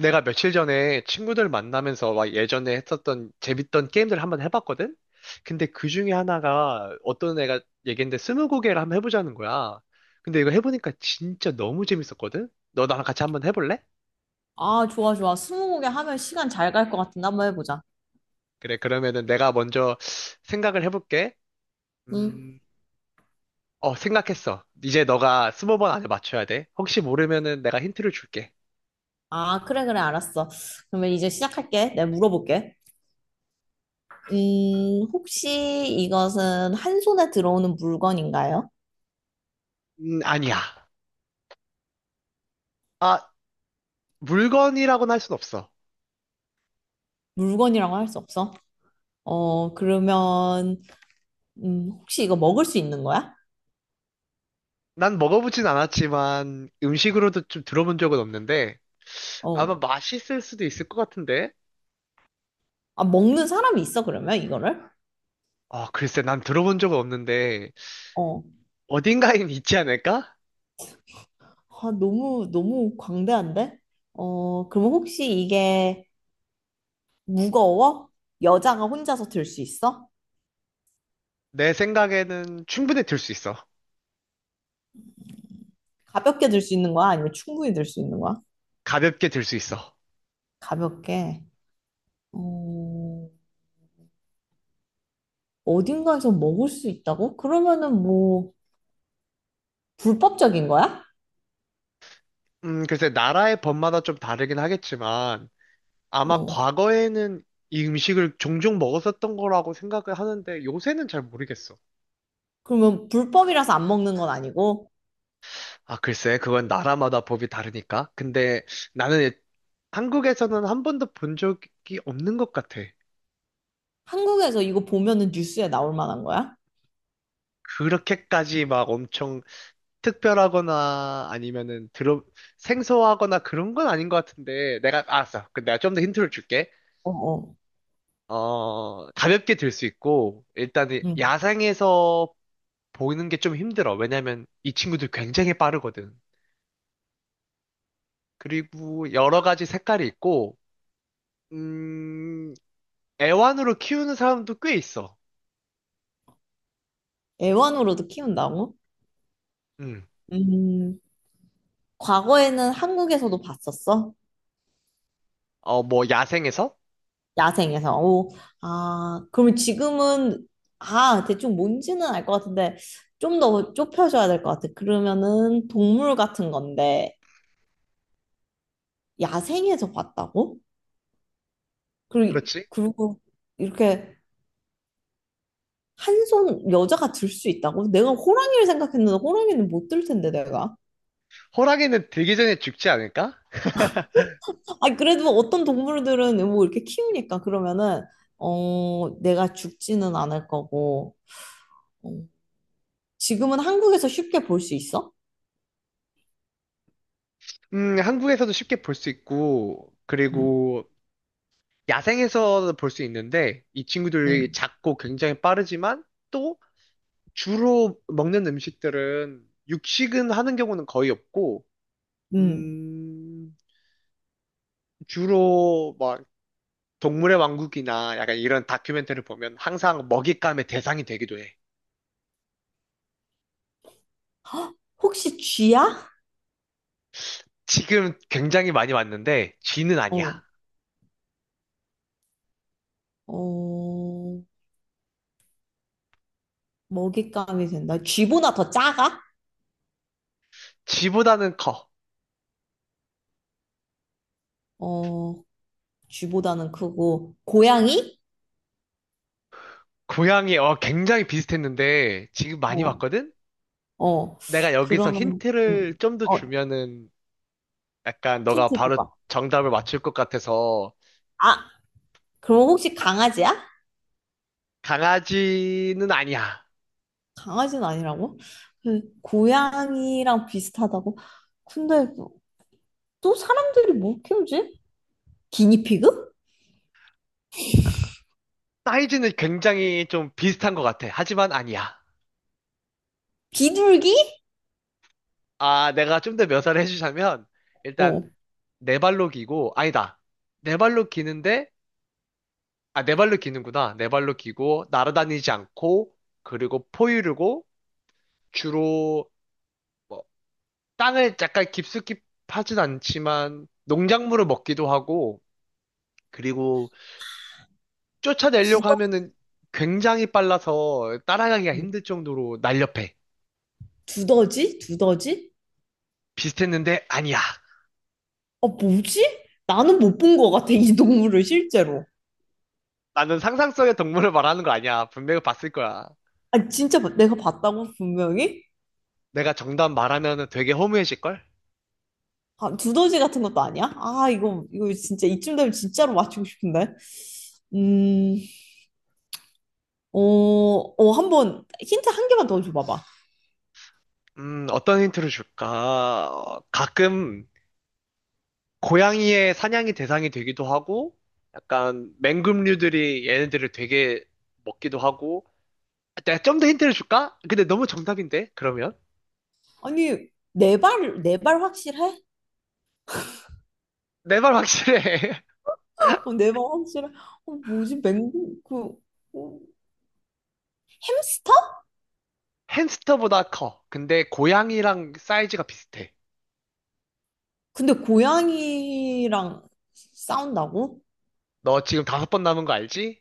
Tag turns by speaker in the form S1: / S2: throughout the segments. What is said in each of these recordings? S1: 내가 며칠 전에 친구들 만나면서 막 예전에 했었던 재밌던 게임들 한번 해봤거든? 근데 그 중에 하나가 어떤 애가 얘기했는데 스무고개를 한번 해보자는 거야. 근데 이거 해보니까 진짜 너무 재밌었거든? 너 나랑 같이 한번 해볼래?
S2: 아, 좋아, 좋아. 스무고개 하면 시간 잘 갈 것 같은데 한번 해보자.
S1: 그래, 그러면은 내가 먼저 생각을 해볼게.
S2: 응?
S1: 음, 생각했어. 이제 너가 스무 번 안에 맞춰야 돼. 혹시 모르면은 내가 힌트를 줄게.
S2: 아, 그래, 그래, 알았어. 그러면 이제 시작할게. 내가 물어볼게. 혹시 이것은 한 손에 들어오는 물건인가요?
S1: 아니야. 아, 물건이라고는 할 순 없어.
S2: 물건이라고 할 수 없어? 어, 그러면, 혹시 이거 먹을 수 있는 거야?
S1: 난 먹어보진 않았지만 음식으로도 좀 들어본 적은 없는데
S2: 어.
S1: 아마 맛있을 수도 있을 것 같은데
S2: 아, 먹는 사람이 있어, 그러면 이거를?
S1: 아 글쎄 난 들어본 적은 없는데
S2: 어.
S1: 어딘가엔 있지 않을까?
S2: 아, 너무, 너무 광대한데? 어, 그럼 혹시 이게 무거워? 여자가 혼자서 들 수 있어?
S1: 내 생각에는 충분히 들 수 있어.
S2: 가볍게 들 수 있는 거야? 아니면 충분히 들 수 있는 거야?
S1: 가볍게 들 수 있어.
S2: 가볍게. 어, 어딘가에서 먹을 수 있다고? 그러면은 뭐, 불법적인 거야?
S1: 글쎄 나라의 법마다 좀 다르긴 하겠지만 아마
S2: 어.
S1: 과거에는 이 음식을 종종 먹었었던 거라고 생각을 하는데 요새는 잘 모르겠어.
S2: 그러면 불법이라서 안 먹는 건 아니고,
S1: 아 글쎄 그건 나라마다 법이 다르니까 근데 나는 한국에서는 한 번도 본 적이 없는 것 같아.
S2: 한국에서 이거 보면은 뉴스에 나올 만한 거야?
S1: 그렇게까지 막 엄청 특별하거나 아니면은 들어 생소하거나 그런 건 아닌 것 같은데 내가 알았어. 그 내가 좀 더 힌트를 줄게.
S2: 어, 어.
S1: 어 가볍게 들 수 있고 일단은
S2: 응.
S1: 야생에서 보이는 게 좀 힘들어. 왜냐면 이 친구들 굉장히 빠르거든. 그리고 여러 가지 색깔이 있고 음 애완으로 키우는 사람도 꽤 있어.
S2: 애완으로도 키운다고?
S1: 음.
S2: 음, 과거에는 한국에서도 봤었어?
S1: 어 뭐 야생에서?
S2: 야생에서. 오, 아, 그러면 지금은, 아, 대충 뭔지는 알 것 같은데, 좀 더 좁혀줘야 될 것 같아. 그러면은 동물 같은 건데, 야생에서 봤다고? 그리고,
S1: 그렇지.
S2: 그리고 이렇게 한 손 여자가 들 수 있다고? 내가 호랑이를 생각했는데, 호랑이는 못 들 텐데, 내가.
S1: 호랑이는 들기 전에 죽지 않을까?
S2: 아니, 그래도 어떤 동물들은 뭐 이렇게 키우니까, 그러면은, 어, 내가 죽지는 않을 거고, 어, 지금은 한국에서 쉽게 볼 수 있어?
S1: 한국에서도 쉽게 볼 수 있고,
S2: 음,
S1: 그리고 야생에서도 볼 수 있는데, 이 친구들이
S2: 음,
S1: 작고 굉장히 빠르지만, 또 주로 먹는 음식들은 육식은 하는 경우는 거의 없고,
S2: 음.
S1: 음, 주로 막 동물의 왕국이나 약간 이런 다큐멘터리를 보면 항상 먹잇감의 대상이 되기도 해.
S2: 혹시 쥐야?
S1: 지금 굉장히 많이 왔는데, 쥐는 아니야.
S2: 어, 어, 먹잇감이 된다. 쥐보다 더 작아?
S1: 쥐보다는 커.
S2: 어, 쥐보다는 크고, 고양이?
S1: 고양이, 어, 굉장히 비슷했는데, 지금 많이
S2: 어,
S1: 봤거든?
S2: 어,
S1: 내가 여기서
S2: 그러면,
S1: 힌트를
S2: 음,
S1: 좀 더
S2: 어,
S1: 주면은, 약간 너가
S2: 힌트
S1: 바로
S2: 줘봐.
S1: 정답을 맞출 것 같아서,
S2: 아, 그럼 혹시 강아지야?
S1: 강아지는 아니야.
S2: 강아지는 아니라고? 그 고양이랑 비슷하다고? 근데 또 사람들이 뭐 키우지? 기니피그?
S1: 사이즈는 굉장히 좀 비슷한 것 같아. 하지만 아니야.
S2: 비둘기?
S1: 아, 내가 좀 더 묘사를 해주자면, 일단,
S2: 어,
S1: 네 발로 기고, 아니다. 네 발로 기는데, 아, 네 발로 기는구나. 네 발로 기고, 날아다니지 않고, 그리고 포유류고, 주로, 뭐 땅을 약간 깊숙이 파진 않지만 농작물을 먹기도 하고 그리고 쫓아내려고
S2: 두더지?
S1: 하면은 굉장히 빨라서 따라가기가 힘들 정도로 날렵해.
S2: 두더지? 두더지?
S1: 비슷했는데 아니야.
S2: 아, 뭐지? 나는 못 본 것 같아, 이 동물을 실제로.
S1: 나는 상상 속의 동물을 말하는 거 아니야. 분명히 봤을 거야.
S2: 아, 내가 봤다고, 분명히?
S1: 내가 정답 말하면은 되게 허무해질걸?
S2: 아, 두더지 같은 것도 아니야? 아, 이거, 이거 진짜, 이쯤 되면 진짜로 맞추고 싶은데. 음, 어, 어, 한번, 힌트 한 개만 더 줘봐봐.
S1: 어떤 힌트를 줄까? 어, 가끔 고양이의 사냥이 대상이 되기도 하고 약간 맹금류들이 얘네들을 되게 먹기도 하고 내가 좀 더 힌트를 줄까? 근데 너무 정답인데, 그러면?
S2: 아니, 네 발 확실해?
S1: 내 말 확실해.
S2: 어, 내 발 확실해? 어, 뭐지, 맹구, 그, 어, 햄스터?
S1: 햄스터보다 커. 근데 고양이랑 사이즈가 비슷해.
S2: 근데 고양이랑 싸운다고?
S1: 너 지금 다섯 번 남은 거 알지?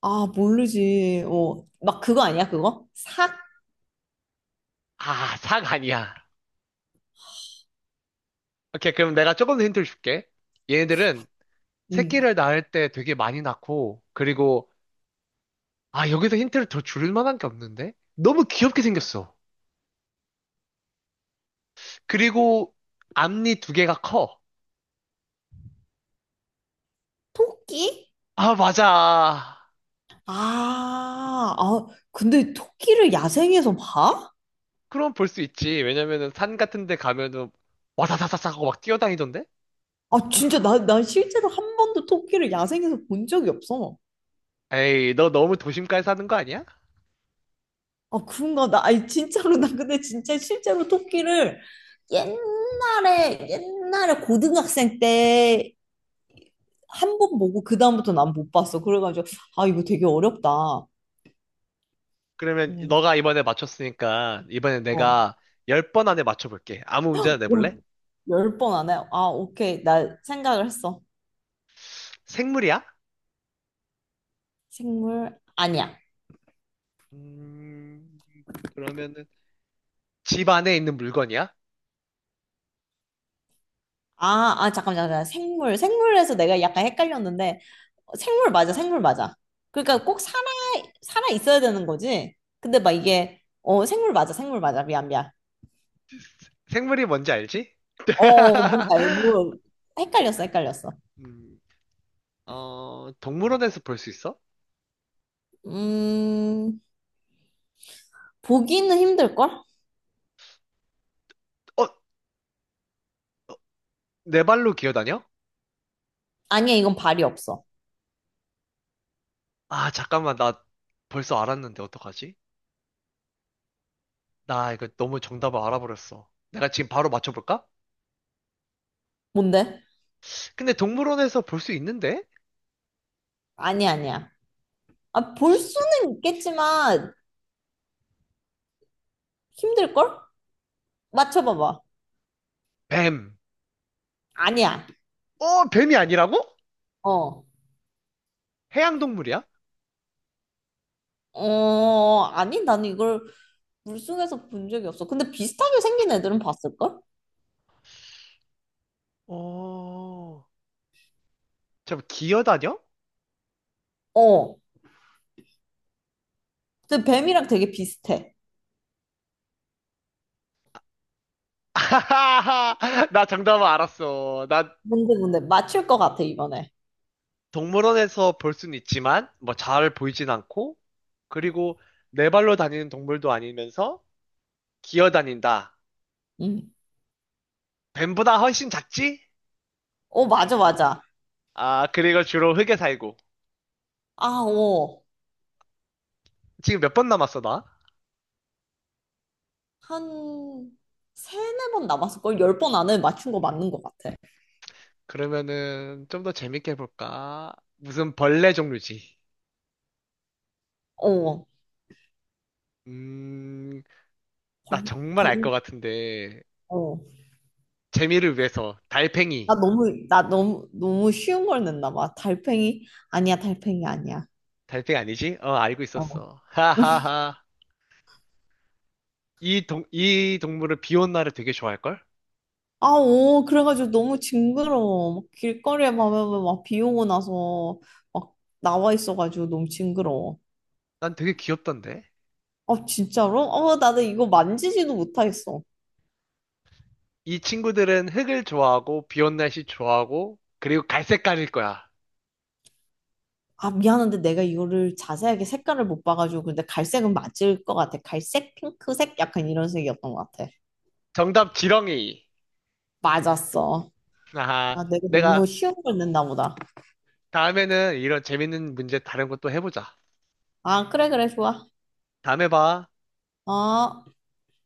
S2: 아, 모르지. 어, 막 그거 아니야, 그거? 삭?
S1: 아, 삭 아니야. 오케이, 그럼 내가 조금 더 힌트를 줄게. 얘네들은
S2: 음.
S1: 새끼를 낳을 때 되게 많이 낳고, 그리고, 아, 여기서 힌트를 더 줄 만한 게 없는데? 너무 귀엽게 생겼어. 그리고 앞니 두 개가 커.
S2: 토끼?
S1: 아, 맞아.
S2: 아, 아, 근데 토끼를 야생에서 봐?
S1: 그럼 볼 수 있지. 왜냐면은 산 같은 데 가면은 와사사사사 하고 막 뛰어다니던데?
S2: 아, 진짜 나, 나 실제로 한 번도 토끼를 야생에서 본 적이 없어.
S1: 에이, 너 너무 도심가에 사는 거 아니야?
S2: 아, 그런가? 나, 아니, 진짜로, 나 근데 진짜 실제로 토끼를 옛날에, 옛날에 고등학생 때 한 번 보고 그다음부터 난 못 봤어. 그래가지고, 아, 이거 되게 어렵다.
S1: 그러면
S2: 응,
S1: 너가 이번에 맞췄으니까 이번에
S2: 어.
S1: 내가 10번 안에 맞춰볼게. 아무 문제나 내볼래?
S2: 열 번 안 해. 아, 오케이. 나 생각을 했어.
S1: 생물이야?
S2: 생물 아니야.
S1: 음, 그러면은 집 안에 있는 물건이야?
S2: 아, 아, 잠깐만, 잠깐만. 생물. 생물에서 내가 약간 헷갈렸는데, 어, 생물 맞아, 생물 맞아.
S1: 아,
S2: 그러니까 꼭 살아, 살아 있어야 되는 거지? 근데 막 이게, 어, 생물 맞아, 생물 맞아. 미안, 미안.
S1: 생물이 뭔지 알지?
S2: 어, 뭔지 알고. 헷갈렸어, 헷갈렸어.
S1: 음, 동물원에서 볼 수 있어?
S2: 음, 보기는 힘들걸?
S1: 어, 네 발로 기어다녀?
S2: 아니야, 이건 발이 없어.
S1: 아, 잠깐만, 나 벌써 알았는데 어떡하지? 나 이거 너무 정답을 알아버렸어. 내가 지금 바로 맞춰볼까?
S2: 뭔데?
S1: 근데 동물원에서 볼 수 있는데?
S2: 아니야, 아니야. 아, 볼 수는 있겠지만, 힘들걸? 맞춰봐봐.
S1: 뱀!
S2: 아니야.
S1: 어, 뱀이 아니라고?
S2: 어.
S1: 해양동물이야?
S2: 어, 아니, 나는 이걸 물속에서 본 적이 없어. 근데 비슷하게 생긴 애들은 봤을걸?
S1: 어, 잠 기어다녀?
S2: 어. 근데 뱀이랑 되게 비슷해.
S1: 아하하, 나 정답은 알았어. 나
S2: 뭔데, 뭔데. 맞출 것 같아, 이번에.
S1: 동물원에서 볼 수는 있지만, 뭐 잘 보이진 않고, 그리고 네 발로 다니는 동물도 아니면서 기어다닌다.
S2: 응.
S1: 뱀보다 훨씬 작지?
S2: 어, 맞아, 맞아.
S1: 아, 그리고 주로 흙에 살고.
S2: 아, 어.
S1: 지금 몇 번 남았어, 나?
S2: 한, 세네 번 남았을걸? 열 번 안에 맞춘 거 맞는 것 같아.
S1: 그러면은 좀 더 재밌게 해볼까? 무슨 벌레 종류지?
S2: 어.
S1: 음, 나
S2: 벌,
S1: 정말
S2: 벌,
S1: 알 것 같은데,
S2: 어.
S1: 재미를 위해서
S2: 나
S1: 달팽이.
S2: 너무, 나 너무, 너무 쉬운 걸 냈나 봐. 달팽이? 아니야, 달팽이 아니야.
S1: 달팽이 아니지? 어 알고
S2: 어.
S1: 있었어. 하하하. 이 동물을 비온 날에 되게 좋아할걸?
S2: 아, 오, 그래가지고 너무 징그러워. 막 길거리에 가면 막 비 오고 나서 막 나와 있어가지고 너무 징그러워.
S1: 난 되게 귀엽던데.
S2: 아, 진짜로? 어, 나는 이거 만지지도 못하겠어.
S1: 이 친구들은 흙을 좋아하고 비온 날씨 좋아하고 그리고 갈색깔일 거야.
S2: 아, 미안한데 내가 이거를 자세하게 색깔을 못 봐가지고. 근데 갈색은 맞을 것 같아. 갈색, 핑크색? 약간 이런 색이었던 것 같아.
S1: 정답 지렁이.
S2: 맞았어.
S1: 아하.
S2: 아, 내가 너무
S1: 내가
S2: 쉬운 걸 냈나 보다.
S1: 다음에는 이런 재밌는 문제 다른 것도 해보자.
S2: 아, 그래, 그래, 좋아.
S1: 다음에 봐.
S2: 어.